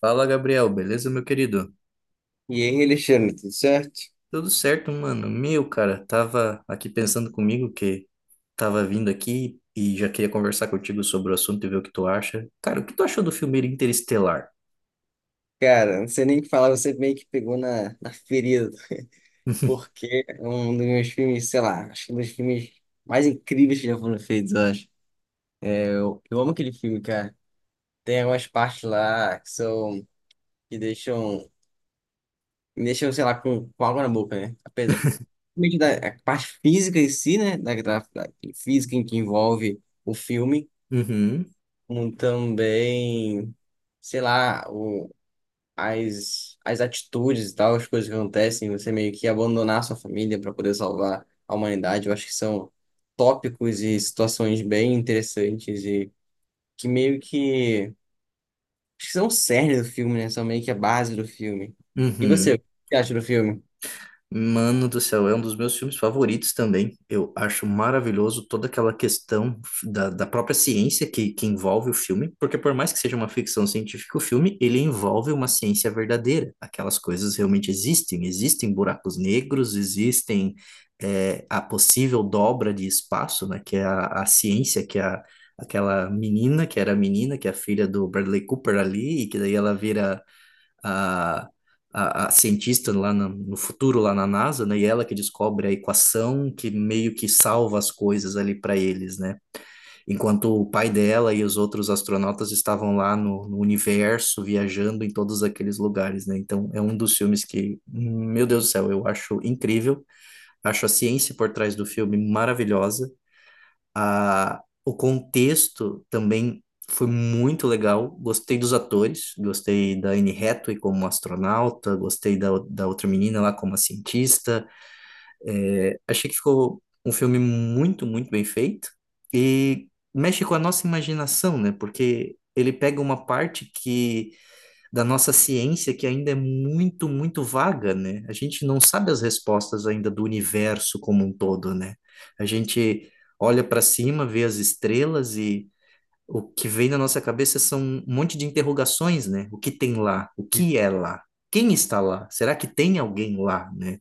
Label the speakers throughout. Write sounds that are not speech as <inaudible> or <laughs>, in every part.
Speaker 1: Fala, Gabriel, beleza, meu querido?
Speaker 2: E aí, Alexandre, tudo certo?
Speaker 1: Tudo certo, mano? Meu, cara, tava aqui pensando comigo que tava vindo aqui e já queria conversar contigo sobre o assunto e ver o que tu acha. Cara, o que tu achou do filme Interestelar?
Speaker 2: Cara, não sei nem o que falar, você meio que pegou na ferida, porque é um dos meus filmes, sei lá, acho que é um dos filmes mais incríveis que já foram feitos, eu acho. Eu amo aquele filme, cara. Tem algumas partes lá que são, que deixam, me deixam, sei lá, com água na boca, né? Apesar
Speaker 1: <laughs>
Speaker 2: meio que da a parte física em si, né? Da física em que envolve o filme,
Speaker 1: Uhum,
Speaker 2: como também, sei lá, o as atitudes e tal, as coisas que acontecem, você meio que abandonar sua família para poder salvar a humanidade, eu acho que são tópicos e situações bem interessantes e que meio que, acho que são o cerne do filme, né? São meio que a base do filme. E você,
Speaker 1: uhum.
Speaker 2: o que você acha do filme?
Speaker 1: Mano do céu, é um dos meus filmes favoritos também. Eu acho maravilhoso toda aquela questão da própria ciência que envolve o filme, porque por mais que seja uma ficção científica, o filme ele envolve uma ciência verdadeira. Aquelas coisas realmente existem, existem buracos negros, existem a possível dobra de espaço, né? Que é a ciência, que é a, aquela menina que era a menina, que é a filha do Bradley Cooper ali, e que daí ela vira a, a cientista no futuro, lá na NASA, né? E ela que descobre a equação que meio que salva as coisas ali para eles, né? Enquanto o pai dela e os outros astronautas estavam lá no, no universo, viajando em todos aqueles lugares, né? Então é um dos filmes que, meu Deus do céu, eu acho incrível. Acho a ciência por trás do filme maravilhosa. A, o contexto também foi muito legal. Gostei dos atores, gostei da Anne Hathaway como astronauta, gostei da outra menina lá como a cientista. Achei que ficou um filme muito, muito bem feito e mexe com a nossa imaginação, né? Porque ele pega uma parte que da nossa ciência que ainda é muito, muito vaga, né? A gente não sabe as respostas ainda do universo como um todo, né? A gente olha para cima, vê as estrelas e o que vem na nossa cabeça são um monte de interrogações, né? O que tem lá? O que é lá? Quem está lá? Será que tem alguém lá, né?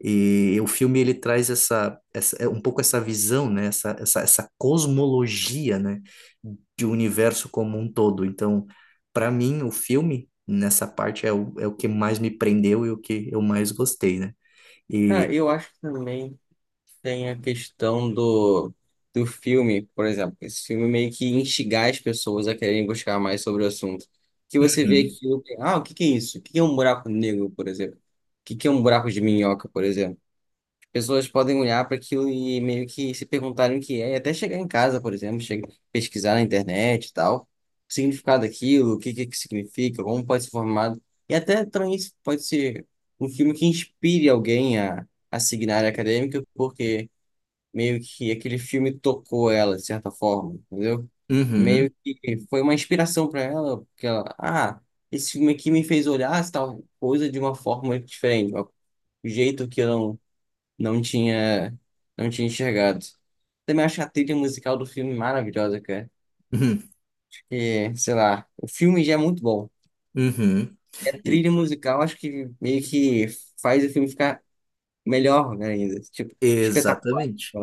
Speaker 1: E o filme ele traz essa é um pouco essa visão, né? Essa cosmologia, né? De um universo como um todo. Então, para mim, o filme nessa parte é o que mais me prendeu e o que eu mais gostei, né?
Speaker 2: Ah,
Speaker 1: E
Speaker 2: eu acho também. Tem a questão do filme, por exemplo, esse filme meio que instigar as pessoas a quererem buscar mais sobre o assunto. Que você vê
Speaker 1: Uhum,
Speaker 2: que, ah, o que que é isso? O que que é um buraco negro, por exemplo? O que que é um buraco de minhoca, por exemplo? Pessoas podem olhar para aquilo e meio que se perguntarem o que é, e até chegar em casa, por exemplo, chegar, pesquisar na internet e tal, o significado daquilo, o que que significa, como pode ser formado. E até também isso pode ser um filme que inspire alguém a seguir na área acadêmica, porque meio que aquele filme tocou ela, de certa forma, entendeu?
Speaker 1: uhum,
Speaker 2: Meio que foi uma inspiração para ela, porque ela, ah, esse filme aqui me fez olhar essa tal coisa de uma forma diferente, um jeito que eu não, não tinha, não tinha enxergado. Também acho a trilha musical do filme maravilhosa, cara.
Speaker 1: uhum,
Speaker 2: E, sei lá, o filme já é muito bom.
Speaker 1: uhum.
Speaker 2: E a
Speaker 1: E,
Speaker 2: trilha musical acho que meio que faz o filme ficar melhor ainda, tipo, espetacular.
Speaker 1: exatamente.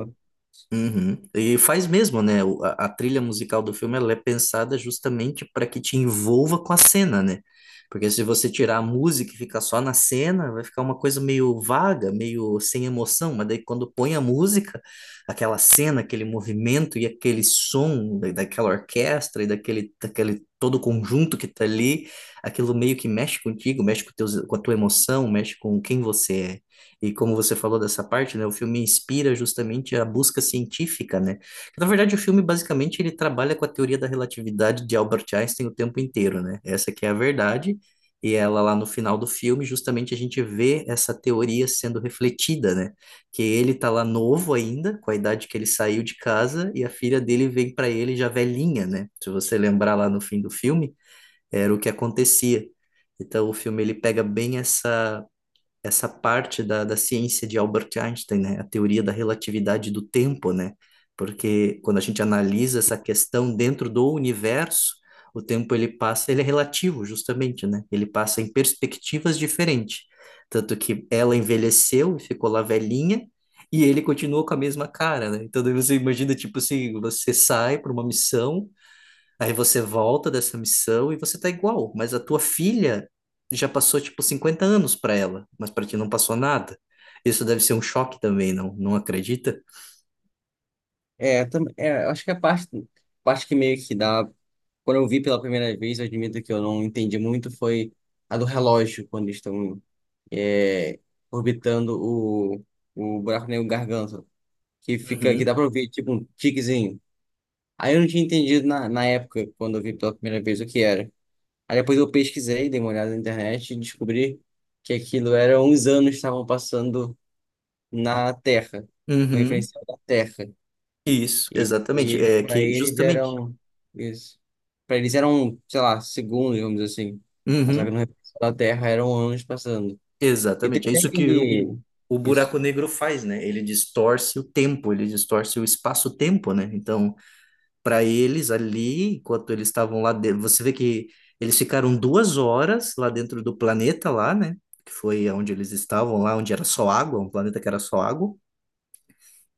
Speaker 1: Uhum. E faz mesmo, né? A trilha musical do filme ela é pensada justamente para que te envolva com a cena, né? Porque se você tirar a música e ficar só na cena, vai ficar uma coisa meio vaga, meio sem emoção. Mas daí quando põe a música, aquela cena, aquele movimento e aquele som daquela orquestra e daquele todo conjunto que tá ali, aquilo meio que mexe contigo, mexe com a tua emoção, mexe com quem você é. E como você falou dessa parte, né, o filme inspira justamente a busca científica, né? Na verdade, o filme basicamente ele trabalha com a teoria da relatividade de Albert Einstein o tempo inteiro, né? Essa que é a verdade, e ela lá no final do filme, justamente a gente vê essa teoria sendo refletida, né? Que ele tá lá novo ainda, com a idade que ele saiu de casa, e a filha dele vem para ele já velhinha, né? Se você lembrar lá no fim do filme, era o que acontecia. Então o filme ele pega bem essa parte da ciência de Albert Einstein, né? A teoria da relatividade do tempo, né? Porque quando a gente analisa essa questão dentro do universo, o tempo ele passa, ele é relativo, justamente, né? Ele passa em perspectivas diferentes. Tanto que ela envelheceu e ficou lá velhinha, e ele continuou com a mesma cara, né? Então daí você imagina, tipo assim, você sai para uma missão. Aí você volta dessa missão e você tá igual, mas a tua filha já passou tipo 50 anos para ela, mas para ti não passou nada. Isso deve ser um choque também, não? Não acredita?
Speaker 2: É, é, acho que a parte, parte que meio que dá. Quando eu vi pela primeira vez, eu admito que eu não entendi muito, foi a do relógio, quando eles estão é, orbitando o buraco negro Garganta, que fica, que
Speaker 1: Uhum.
Speaker 2: dá pra ouvir tipo um tiquezinho. Aí eu não tinha entendido na época, quando eu vi pela primeira vez, o que era. Aí depois eu pesquisei, dei uma olhada na internet e descobri que aquilo era uns anos que estavam passando na Terra, um
Speaker 1: Uhum.
Speaker 2: referencial da Terra.
Speaker 1: Isso,
Speaker 2: E,
Speaker 1: exatamente.
Speaker 2: e
Speaker 1: É
Speaker 2: para
Speaker 1: que
Speaker 2: eles
Speaker 1: justamente.
Speaker 2: eram isso. Para eles eram, sei lá, segundos, vamos dizer assim. Mas só
Speaker 1: Uhum.
Speaker 2: que no resto da Terra eram anos passando. E tem
Speaker 1: Exatamente. É
Speaker 2: até
Speaker 1: isso que
Speaker 2: aquele.
Speaker 1: o
Speaker 2: Isso.
Speaker 1: buraco negro faz, né? Ele distorce o tempo, ele distorce o espaço-tempo, né? Então, para eles ali, enquanto eles estavam lá dentro. Você vê que eles ficaram 2 horas lá dentro do planeta lá, né? Que foi onde eles estavam lá, onde era só água, um planeta que era só água.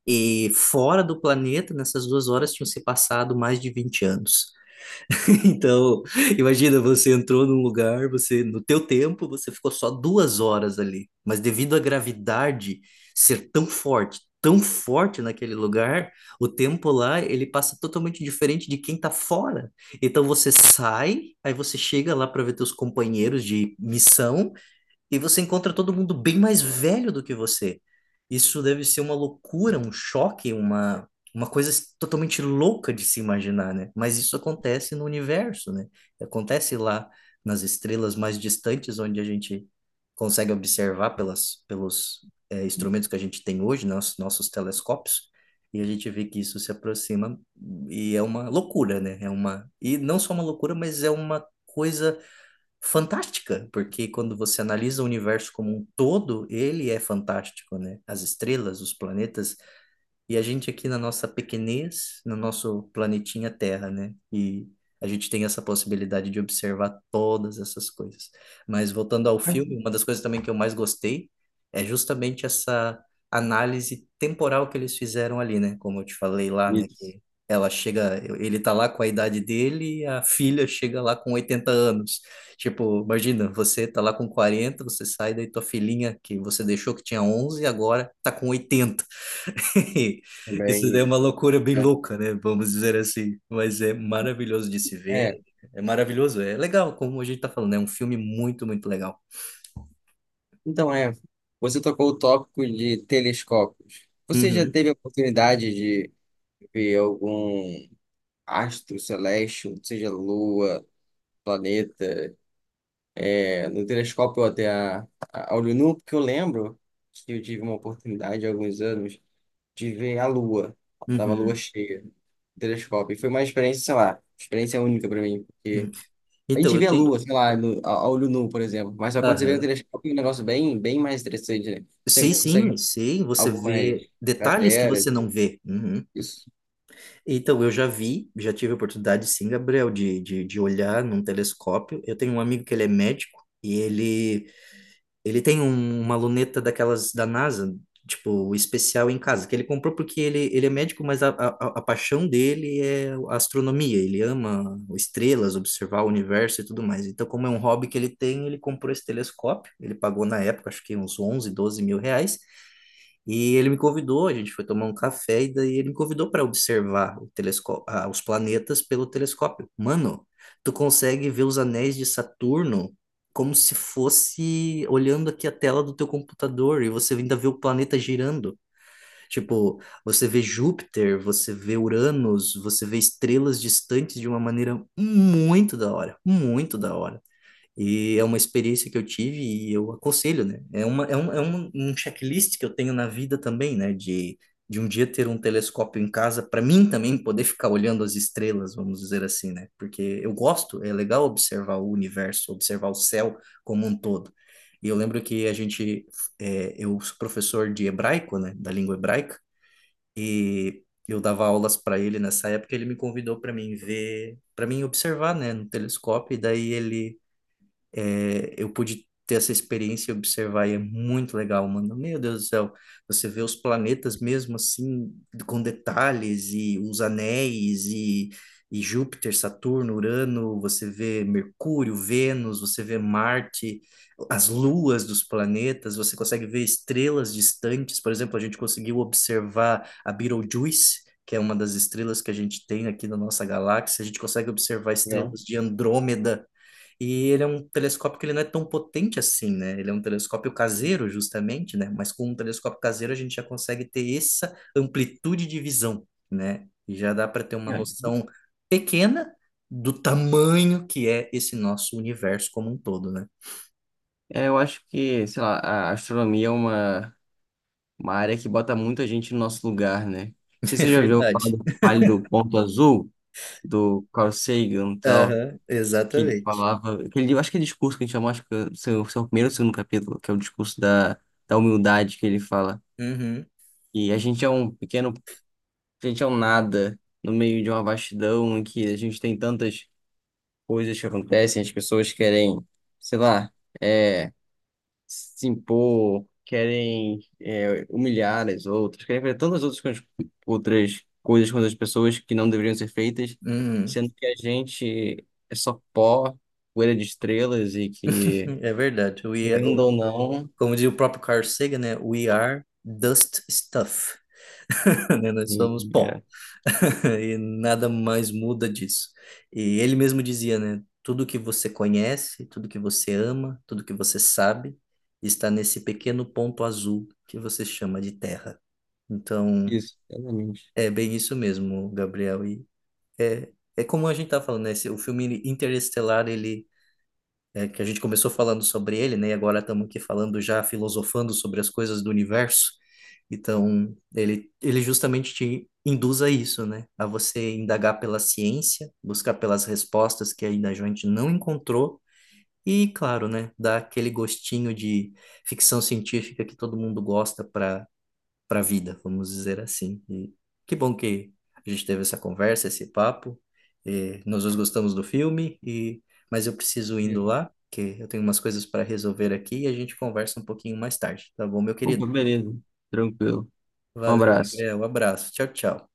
Speaker 1: E fora do planeta, nessas duas horas, tinham se passado mais de 20 anos. <laughs> Então, imagina, você entrou num lugar, você, no teu tempo, você ficou só 2 horas ali, mas devido à gravidade ser tão forte naquele lugar, o tempo lá, ele passa totalmente diferente de quem tá fora. Então você sai, aí você chega lá para ver teus companheiros de missão, e você encontra todo mundo bem mais velho do que você. Isso deve ser uma loucura, um choque, uma coisa totalmente louca de se imaginar, né? Mas isso acontece no universo, né? Acontece lá nas estrelas mais distantes, onde a gente consegue observar pelos instrumentos que a gente tem hoje, nos, nossos telescópios. E a gente vê que isso se aproxima e é uma loucura, né? É uma, e não só uma loucura, mas é uma coisa fantástica, porque quando você analisa o universo como um todo, ele é fantástico, né? As estrelas, os planetas, e a gente aqui na nossa pequenez, no nosso planetinha Terra, né? E a gente tem essa possibilidade de observar todas essas coisas. Mas voltando ao filme, uma das coisas também que eu mais gostei é justamente essa análise temporal que eles fizeram ali, né? Como eu te falei lá, né?
Speaker 2: Isso.
Speaker 1: Que ela chega, ele tá lá com a idade dele e a filha chega lá com 80 anos. Tipo, imagina, você tá lá com quarenta, você sai, daí tua filhinha que você deixou que tinha 11, agora tá com 80. <laughs> Isso daí é
Speaker 2: Também.
Speaker 1: uma loucura bem
Speaker 2: É.
Speaker 1: louca, né? Vamos dizer assim. Mas é maravilhoso de se ver.
Speaker 2: É.
Speaker 1: É maravilhoso, é legal, como a gente tá falando, é um filme muito, muito legal.
Speaker 2: Então é. Você tocou o tópico de telescópios. Você já
Speaker 1: Uhum,
Speaker 2: teve a oportunidade de ver algum astro celeste, ou seja, lua, planeta? É, no telescópio ou até olho nu, porque eu lembro que eu tive uma oportunidade há alguns anos de ver a Lua. Tava a Lua
Speaker 1: uhum,
Speaker 2: cheia no telescópio. E foi uma experiência, sei lá, experiência única para mim,
Speaker 1: uhum.
Speaker 2: porque a
Speaker 1: Então,
Speaker 2: gente
Speaker 1: eu
Speaker 2: vê a
Speaker 1: tenho.
Speaker 2: Lua, sei lá, no, a olho nu, por exemplo, mas só quando você vê o
Speaker 1: Aham.
Speaker 2: telescópio é um negócio bem, bem mais interessante, né? Você
Speaker 1: Sim, sim,
Speaker 2: consegue
Speaker 1: sim. Você
Speaker 2: algumas
Speaker 1: vê detalhes que
Speaker 2: crateras,
Speaker 1: você não vê. Uhum.
Speaker 2: isso.
Speaker 1: Então, eu já vi, já tive a oportunidade, sim, Gabriel, de olhar num telescópio. Eu tenho um amigo que ele é médico e ele ele tem uma luneta daquelas da NASA, tipo, especial em casa, que ele comprou porque ele é médico, mas a paixão dele é a astronomia. Ele ama estrelas, observar o universo e tudo mais. Então, como é um hobby que ele tem, ele comprou esse telescópio. Ele pagou na época, acho que uns 11, R$ 12.000. E ele me convidou, a gente foi tomar um café e daí ele me convidou para observar o telescópio, ah, os planetas pelo telescópio. Mano, tu consegue ver os anéis de Saturno como se fosse olhando aqui a tela do teu computador e você ainda vê o planeta girando. Tipo, você vê Júpiter, você vê Uranus, você vê estrelas distantes de uma maneira muito da hora, muito da hora. E é uma experiência que eu tive e eu aconselho, né? É um checklist que eu tenho na vida também, né? De um dia ter um telescópio em casa, para mim também poder ficar olhando as estrelas, vamos dizer assim, né? Porque eu gosto, é legal observar o universo, observar o céu como um todo. E eu lembro que a gente, eu sou professor de hebraico, né? Da língua hebraica, e eu dava aulas para ele nessa época, ele me convidou para mim ver, para mim observar, né? No telescópio, e daí ele eu pude ter essa experiência e observar, e é muito legal, mano. Meu Deus do céu, você vê os planetas mesmo assim, com detalhes, e os anéis, e Júpiter, Saturno, Urano, você vê Mercúrio, Vênus, você vê Marte, as luas dos planetas, você consegue ver estrelas distantes. Por exemplo, a gente conseguiu observar a Betelgeuse. Que é uma das estrelas que a gente tem aqui na nossa galáxia, a gente consegue observar
Speaker 2: Não.
Speaker 1: estrelas de Andrômeda, e ele é um telescópio que ele não é tão potente assim, né? Ele é um telescópio caseiro, justamente, né? Mas com um telescópio caseiro a gente já consegue ter essa amplitude de visão, né? E já dá para ter uma
Speaker 2: É,
Speaker 1: noção pequena do tamanho que é esse nosso universo como um todo, né?
Speaker 2: é, eu acho que, sei lá, a astronomia é uma área que bota muita gente no nosso lugar, né? Não sei
Speaker 1: <laughs>
Speaker 2: se
Speaker 1: É
Speaker 2: você já ouviu falar
Speaker 1: verdade.
Speaker 2: do Vale do Ponto Azul, do Carl Sagan e tal,
Speaker 1: Aham,
Speaker 2: que ele
Speaker 1: exatamente.
Speaker 2: falava, que ele, eu acho que é discurso que a gente chama, acho que é o seu, seu primeiro ou segundo capítulo, que é o discurso da, da humildade que ele fala.
Speaker 1: Uhum,
Speaker 2: E a gente é um pequeno, a gente é um nada no meio de uma vastidão em que a gente tem tantas coisas que acontecem, as pessoas querem, sei lá, é, se impor, querem é, humilhar as outras, querem fazer tantas outras coisas com as pessoas que não deveriam ser feitas,
Speaker 1: uhum.
Speaker 2: sendo que a gente é só pó, poeira de estrelas e que,
Speaker 1: É verdade.
Speaker 2: querendo ou não,
Speaker 1: Como diz o próprio Carl Sagan, né? We are dust stuff, <laughs> né? Nós
Speaker 2: e-
Speaker 1: somos pó.
Speaker 2: é
Speaker 1: E nada mais muda disso. E ele mesmo dizia, né? Tudo que você conhece, tudo que você ama, tudo que você sabe, está nesse pequeno ponto azul que você chama de terra. Então,
Speaker 2: isso, exatamente.
Speaker 1: é bem isso mesmo, Gabriel. E é, é como a gente tá falando, né? O filme Interestelar, ele que a gente começou falando sobre ele, né? E agora estamos aqui falando já filosofando sobre as coisas do universo. Então, ele justamente te induz a isso, né? A você indagar pela ciência, buscar pelas respostas que ainda a gente não encontrou. E, claro, né? Dar aquele gostinho de ficção científica que todo mundo gosta para para a vida, vamos dizer assim. E que bom que a gente teve essa conversa, esse papo. E nós dois gostamos do filme, e mas eu preciso indo lá, que eu tenho umas coisas para resolver aqui e a gente conversa um pouquinho mais tarde, tá bom, meu querido?
Speaker 2: Opa, beleza, tranquilo. Um
Speaker 1: Valeu,
Speaker 2: abraço.
Speaker 1: Gabriel. Um abraço. Tchau, tchau.